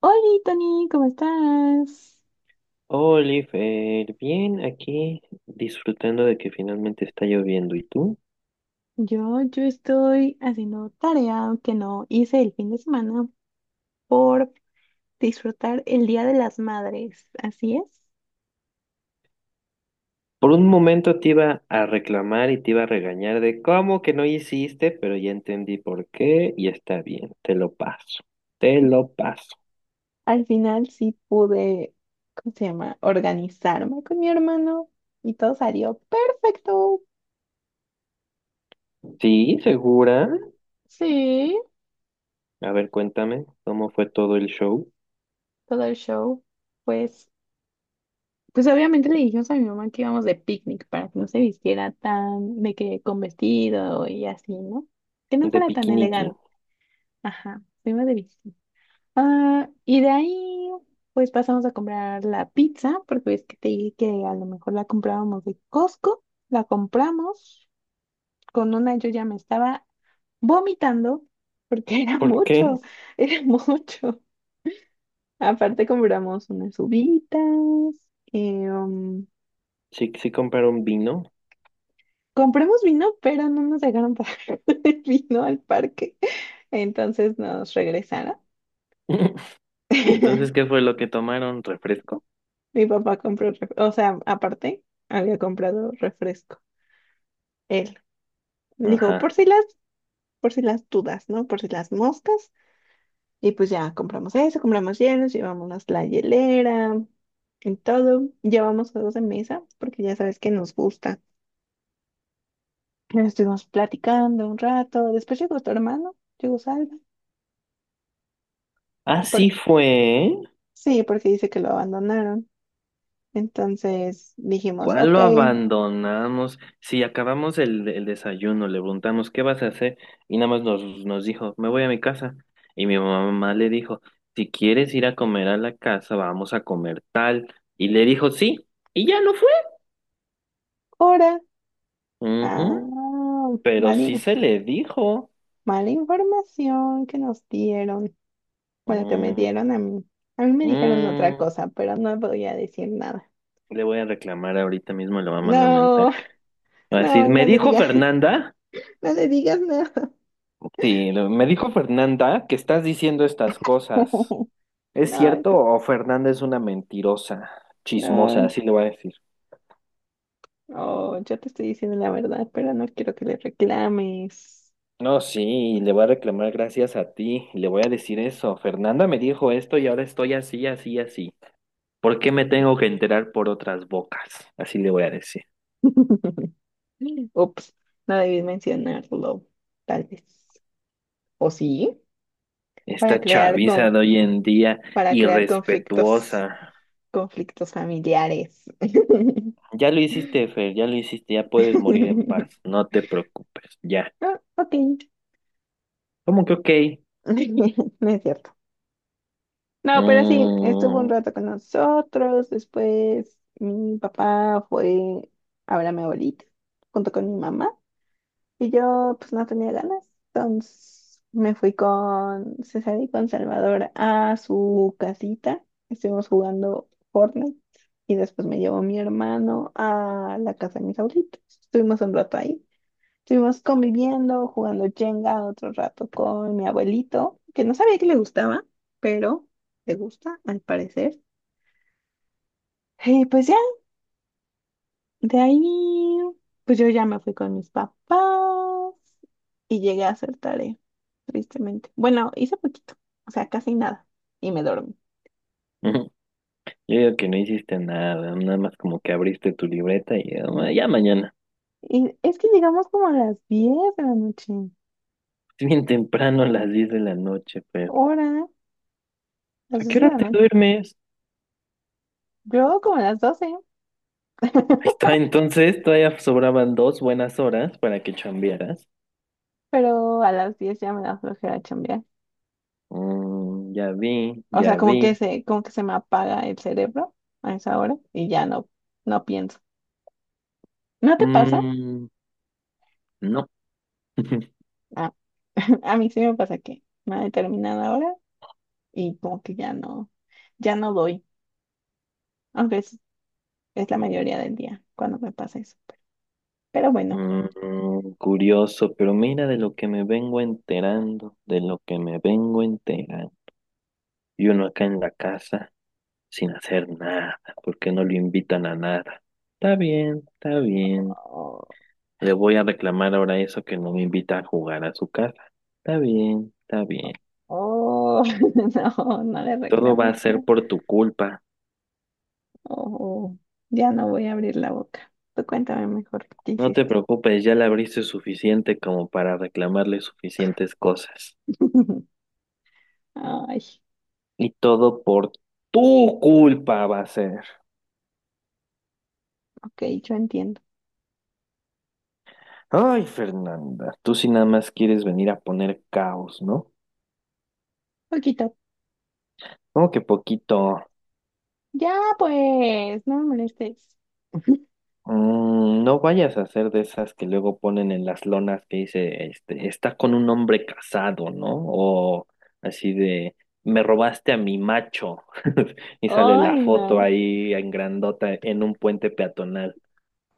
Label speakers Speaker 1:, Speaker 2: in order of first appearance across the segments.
Speaker 1: Hola, Tony, ¿cómo estás?
Speaker 2: Oliver, bien, aquí disfrutando de que finalmente está lloviendo. ¿Y tú?
Speaker 1: Yo estoy haciendo tarea que no hice el fin de semana por disfrutar el Día de las Madres. Así es.
Speaker 2: Por un momento te iba a reclamar y te iba a regañar de cómo que no hiciste, pero ya entendí por qué y está bien, te lo paso, te lo paso.
Speaker 1: Al final sí pude, ¿cómo se llama? Organizarme con mi hermano y todo salió perfecto.
Speaker 2: ¿Sí? ¿Segura?
Speaker 1: Sí,
Speaker 2: A ver, cuéntame, ¿cómo fue todo el show
Speaker 1: todo el show. Pues, pues obviamente le dijimos a mi mamá que íbamos de picnic para que no se vistiera tan de que con vestido y así, ¿no? Que no
Speaker 2: de
Speaker 1: fuera tan
Speaker 2: Piquiniqui?
Speaker 1: elegante. Ajá, fuimos de visita. Ah, y de ahí, pues pasamos a comprar la pizza, porque es que te dije que a lo mejor la comprábamos de Costco. La compramos. Con una yo ya me estaba vomitando, porque era
Speaker 2: ¿Por qué?
Speaker 1: mucho, era mucho. Aparte compramos unas uvitas. eh, um,
Speaker 2: ¿Sí, sí compraron vino?
Speaker 1: compramos vino, pero no nos dejaron pagar el vino al parque. Entonces nos regresaron.
Speaker 2: ¿Y entonces qué fue lo que tomaron? ¿Refresco?
Speaker 1: Mi papá compró, o sea, aparte, había comprado refresco. Él
Speaker 2: Ajá.
Speaker 1: dijo, por si las dudas, ¿no? Por si las moscas. Y pues ya compramos eso, compramos hielos, llevamos la hielera y todo. Llevamos juegos de mesa, porque ya sabes que nos gusta. Estuvimos platicando un rato. Después llegó tu hermano, llegó Salva. Por-
Speaker 2: Así fue.
Speaker 1: sí, porque dice que lo abandonaron. Entonces dijimos,
Speaker 2: ¿Cuál
Speaker 1: ok,
Speaker 2: lo abandonamos? Si acabamos el desayuno, le preguntamos, ¿qué vas a hacer? Y nada más nos dijo, me voy a mi casa. Y mi mamá le dijo, si quieres ir a comer a la casa, vamos a comer tal. Y le dijo, sí, y ya no fue.
Speaker 1: ahora.
Speaker 2: Ujú.
Speaker 1: Ah,
Speaker 2: Pero sí
Speaker 1: vale.
Speaker 2: se le dijo.
Speaker 1: Mala información que nos dieron. Bueno, que me
Speaker 2: Mm,
Speaker 1: dieron a mí. A mí me dijeron otra
Speaker 2: mm.
Speaker 1: cosa, pero no voy a decir nada.
Speaker 2: Le voy a reclamar ahorita mismo, le va a mandar un
Speaker 1: No,
Speaker 2: mensaje. Va a decir,
Speaker 1: no,
Speaker 2: me
Speaker 1: no le
Speaker 2: dijo
Speaker 1: digas.
Speaker 2: Fernanda,
Speaker 1: No le digas nada.
Speaker 2: sí, me dijo Fernanda que estás diciendo estas cosas. ¿Es
Speaker 1: No,
Speaker 2: cierto o Fernanda es una mentirosa, chismosa?
Speaker 1: no.
Speaker 2: Así le voy a decir.
Speaker 1: Oh, yo te estoy diciendo la verdad, pero no quiero que le reclames.
Speaker 2: No, sí, le voy a reclamar gracias a ti, le voy a decir eso. Fernanda me dijo esto y ahora estoy así, así, así. ¿Por qué me tengo que enterar por otras bocas? Así le voy a decir.
Speaker 1: Ups, no debí mencionarlo, tal vez. ¿O sí? Para
Speaker 2: Esta
Speaker 1: crear
Speaker 2: chaviza
Speaker 1: con,
Speaker 2: de hoy en día,
Speaker 1: para crear conflictos,
Speaker 2: irrespetuosa.
Speaker 1: conflictos familiares.
Speaker 2: Ya lo hiciste, Fer, ya lo hiciste, ya puedes morir en paz, no te preocupes, ya.
Speaker 1: Ah, ok.
Speaker 2: ¿Cómo que ok?
Speaker 1: No es cierto. No, pero sí, estuvo un
Speaker 2: Mm.
Speaker 1: rato con nosotros. Después mi papá fue a ver a mi abuelita junto con mi mamá. Y yo pues no tenía ganas. Entonces me fui con César y con Salvador a su casita. Estuvimos jugando Fortnite. Y después me llevó mi hermano a la casa de mis abuelitos. Estuvimos un rato ahí. Estuvimos conviviendo, jugando Jenga otro rato con mi abuelito, que no sabía que le gustaba, pero le gusta al parecer. Y pues ya, de ahí, pues yo ya me fui con mis papás y llegué a hacer tarea, tristemente. Bueno, hice poquito, o sea, casi nada, y me dormí.
Speaker 2: Yo digo que no hiciste nada, nada más como que abriste tu libreta y ya, ya mañana.
Speaker 1: Y es que llegamos como a las 10 de la noche,
Speaker 2: Es bien temprano, a las 10 de la noche, pero
Speaker 1: hora, las
Speaker 2: ¿a
Speaker 1: 10
Speaker 2: qué
Speaker 1: de
Speaker 2: hora
Speaker 1: la
Speaker 2: te
Speaker 1: noche,
Speaker 2: duermes?
Speaker 1: yo como a las 12.
Speaker 2: Ahí está, entonces todavía sobraban 2 buenas horas para que chambearas.
Speaker 1: Pero a las 10 ya me da flojera.
Speaker 2: Mm, ya vi,
Speaker 1: O sea,
Speaker 2: ya
Speaker 1: como
Speaker 2: vi.
Speaker 1: que se, como que se me apaga el cerebro a esa hora y ya no pienso. ¿No te pasa?
Speaker 2: Mm, no.
Speaker 1: Ah, a mí sí me pasa que una determinada hora y como que ya no doy, aunque es la mayoría del día cuando me pasa eso. Pero bueno,
Speaker 2: Curioso, pero mira de lo que me vengo enterando, de lo que me vengo enterando. Y uno acá en la casa, sin hacer nada, porque no lo invitan a nada. Está bien, está bien.
Speaker 1: oh,
Speaker 2: Le voy a reclamar ahora eso que no me invita a jugar a su casa. Está bien, está bien.
Speaker 1: oh, no, no le
Speaker 2: Todo va
Speaker 1: reclames.
Speaker 2: a ser
Speaker 1: ¿No?
Speaker 2: por tu culpa.
Speaker 1: Oh, ya no voy a abrir la boca. Tú cuéntame mejor qué
Speaker 2: No te
Speaker 1: hiciste.
Speaker 2: preocupes, ya le abriste suficiente como para reclamarle suficientes cosas.
Speaker 1: Ay,
Speaker 2: Y todo por tu culpa va a ser.
Speaker 1: ok, yo entiendo.
Speaker 2: Ay, Fernanda, tú sí nada más quieres venir a poner caos, ¿no?
Speaker 1: Poquito.
Speaker 2: Como que poquito.
Speaker 1: Ya, pues, no me molestes.
Speaker 2: No vayas a hacer de esas que luego ponen en las lonas que dice, este, está con un hombre casado, ¿no? O así de, me robaste a mi macho. Y sale la
Speaker 1: Ay,
Speaker 2: foto
Speaker 1: no.
Speaker 2: ahí en grandota en un puente peatonal.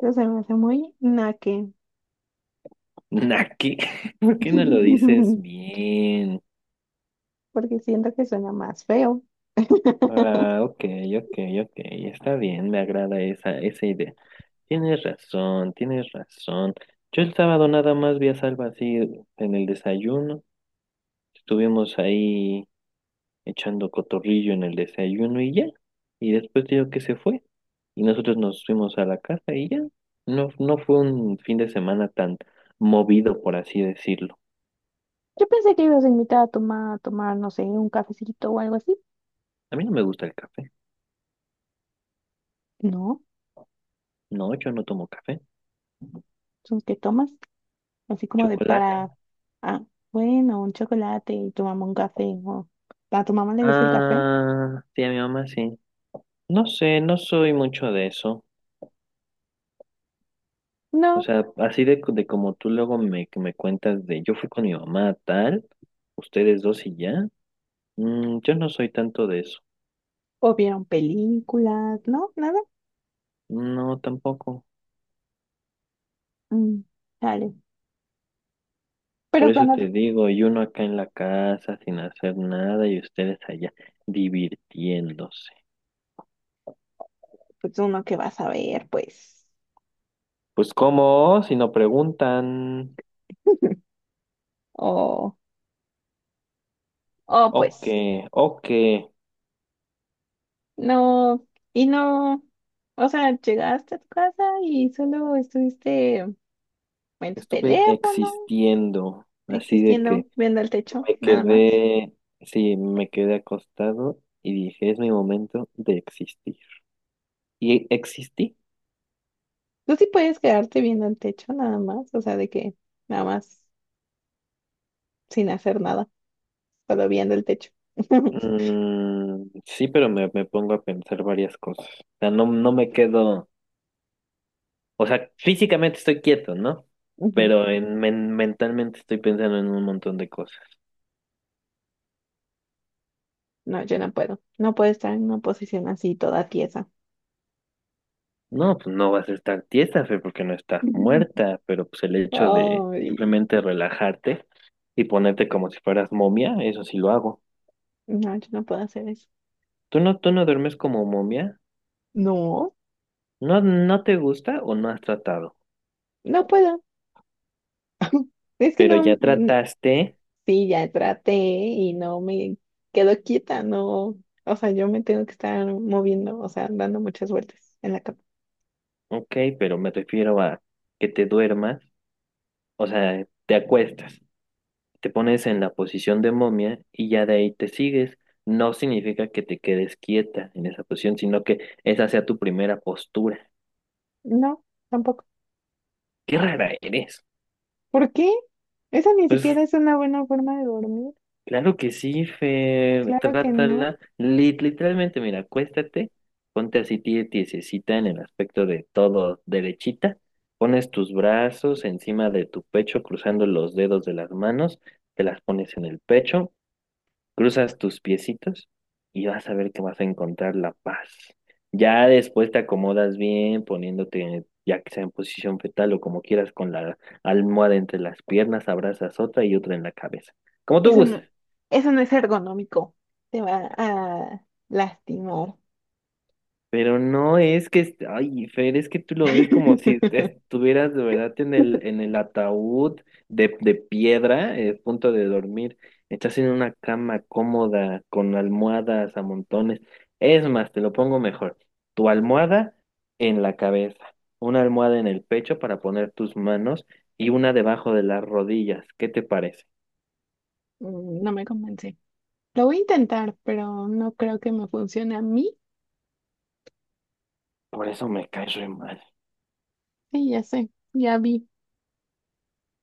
Speaker 1: Eso se me hace muy naque.
Speaker 2: Naki, ¿por qué no lo dices bien?
Speaker 1: Porque siento que suena más feo.
Speaker 2: Ah, ok, ok, ok, está bien, me agrada esa idea. Tienes razón, tienes razón. Yo el sábado nada más vi a Salva así en el desayuno. Estuvimos ahí echando cotorrillo en el desayuno y ya. Y después digo que se fue. Y nosotros nos fuimos a la casa y ya. No, no fue un fin de semana tan movido, por así decirlo.
Speaker 1: Yo pensé que ibas a invitar a tomar, no sé, un cafecito o algo así.
Speaker 2: A mí no me gusta el café.
Speaker 1: No,
Speaker 2: No, yo no tomo café.
Speaker 1: son que tomas, así como de
Speaker 2: Chocolate.
Speaker 1: para, ah, bueno, un chocolate y tomamos un café. O, ¿a tu mamá le gusta el café?
Speaker 2: Ah, sí, a mi mamá sí. No sé, no soy mucho de eso. O
Speaker 1: No.
Speaker 2: sea, así de como tú luego me, que me cuentas de yo fui con mi mamá a tal, ustedes dos y ya. Yo no soy tanto de eso.
Speaker 1: O vieron películas, ¿no? Nada.
Speaker 2: No, tampoco.
Speaker 1: Mm, dale.
Speaker 2: Por
Speaker 1: Pero
Speaker 2: eso
Speaker 1: cuando,
Speaker 2: te digo, y uno acá en la casa sin hacer nada y ustedes allá divirtiéndose.
Speaker 1: pues uno que va a ver pues.
Speaker 2: Pues cómo, si no preguntan,
Speaker 1: O, o
Speaker 2: ok,
Speaker 1: pues,
Speaker 2: ok,
Speaker 1: no, y no, o sea, llegaste a tu casa y solo estuviste en tu
Speaker 2: estuve
Speaker 1: teléfono,
Speaker 2: existiendo, así de
Speaker 1: existiendo,
Speaker 2: que
Speaker 1: viendo el techo,
Speaker 2: me
Speaker 1: nada más.
Speaker 2: quedé, sí, me quedé acostado y dije, es mi momento de existir. ¿Y existí?
Speaker 1: Tú sí puedes quedarte viendo el techo, nada más, o sea, de que nada más, sin hacer nada, solo viendo el techo.
Speaker 2: Sí, pero me pongo a pensar varias cosas. O sea, no, no me quedo... O sea, físicamente estoy quieto, ¿no?
Speaker 1: Ujú.
Speaker 2: Pero mentalmente estoy pensando en un montón de cosas.
Speaker 1: No, yo no puedo estar en una posición así toda tiesa.
Speaker 2: No, pues no vas a estar tiesa, Fer, porque no estás muerta, pero pues el hecho de
Speaker 1: Ay,
Speaker 2: simplemente relajarte y ponerte como si fueras momia, eso sí lo hago.
Speaker 1: no, yo no puedo hacer eso.
Speaker 2: ¿Tú no duermes como momia?
Speaker 1: No,
Speaker 2: ¿No, no te gusta o no has tratado?
Speaker 1: no puedo. Es que
Speaker 2: Pero ya
Speaker 1: no.
Speaker 2: trataste,
Speaker 1: Sí, ya traté y no me quedo quieta, no, o sea, yo me tengo que estar moviendo, o sea, dando muchas vueltas en la cama.
Speaker 2: ok, pero me refiero a que te duermas, o sea, te acuestas. Te pones en la posición de momia y ya de ahí te sigues. No significa que te quedes quieta en esa posición, sino que esa sea tu primera postura.
Speaker 1: No, tampoco.
Speaker 2: Qué rara eres.
Speaker 1: ¿Por qué? Esa ni
Speaker 2: Pues
Speaker 1: siquiera es una buena forma de dormir.
Speaker 2: claro que sí, Fer,
Speaker 1: Claro que no.
Speaker 2: trátala. Literalmente, mira, acuéstate, ponte así tiesecita en el aspecto de todo derechita, pones tus brazos encima de tu pecho, cruzando los dedos de las manos, te las pones en el pecho. Cruzas tus piecitos y vas a ver que vas a encontrar la paz. Ya después te acomodas bien, poniéndote, ya que sea en posición fetal o como quieras, con la almohada entre las piernas, abrazas otra y otra en la cabeza. Como tú
Speaker 1: Eso no,
Speaker 2: gustes.
Speaker 1: eso no es ergonómico. Te va a lastimar.
Speaker 2: Pero no es que, ay, Fer, es que tú lo ves como si estuvieras de verdad en el ataúd de piedra, punto de dormir. Estás en una cama cómoda, con almohadas a montones. Es más, te lo pongo mejor. Tu almohada en la cabeza, una almohada en el pecho para poner tus manos y una debajo de las rodillas. ¿Qué te parece?
Speaker 1: Mm, no me convence. Lo voy a intentar, pero no creo que me funcione a mí.
Speaker 2: Por eso me caes re mal.
Speaker 1: Sí, ya sé, ya vi.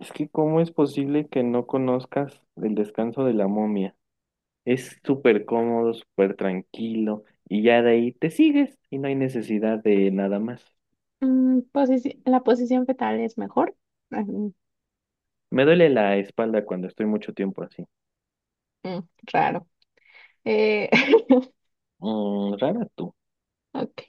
Speaker 2: Es que, ¿cómo es posible que no conozcas el descanso de la momia? Es súper cómodo, súper tranquilo y ya de ahí te sigues y no hay necesidad de nada más.
Speaker 1: Mm, la posición fetal es mejor. Ah,
Speaker 2: Me duele la espalda cuando estoy mucho tiempo así.
Speaker 1: mm, raro. Eh,
Speaker 2: Rara tú.
Speaker 1: ok.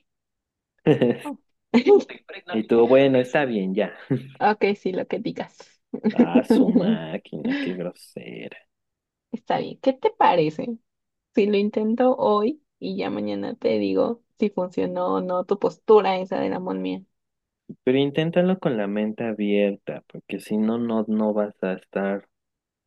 Speaker 1: Oh.
Speaker 2: Y tú, bueno, está bien, ya.
Speaker 1: Ok, sí, lo que digas.
Speaker 2: Ah, su máquina, qué grosera.
Speaker 1: Está bien. ¿Qué te parece si lo intento hoy y ya mañana te digo si funcionó o no tu postura esa de la momia?
Speaker 2: Pero inténtalo con la mente abierta, porque si no, no, no vas a estar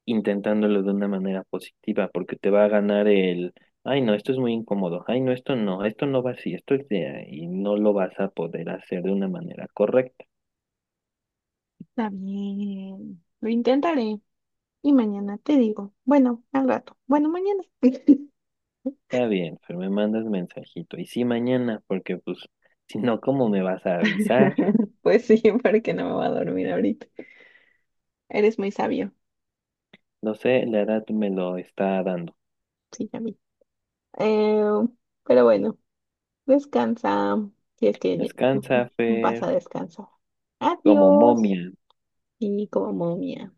Speaker 2: intentándolo de una manera positiva, porque te va a ganar el, ay no, esto es muy incómodo, ay no, esto no, esto no va así, esto es de, y no lo vas a poder hacer de una manera correcta.
Speaker 1: Está bien. Lo intentaré y mañana te digo. Bueno, al rato. Bueno, mañana.
Speaker 2: Está bien, pero me mandas mensajito, y sí mañana, porque pues, si no, ¿cómo me vas a avisar?
Speaker 1: Pues sí, porque no me voy a dormir ahorita. Eres muy sabio.
Speaker 2: No sé, la edad me lo está dando.
Speaker 1: Sí, ya vi. Eh, pero bueno. Descansa, si es que
Speaker 2: Descansa,
Speaker 1: vas
Speaker 2: Fer,
Speaker 1: a descansar.
Speaker 2: como
Speaker 1: Adiós.
Speaker 2: momia.
Speaker 1: Y como momia.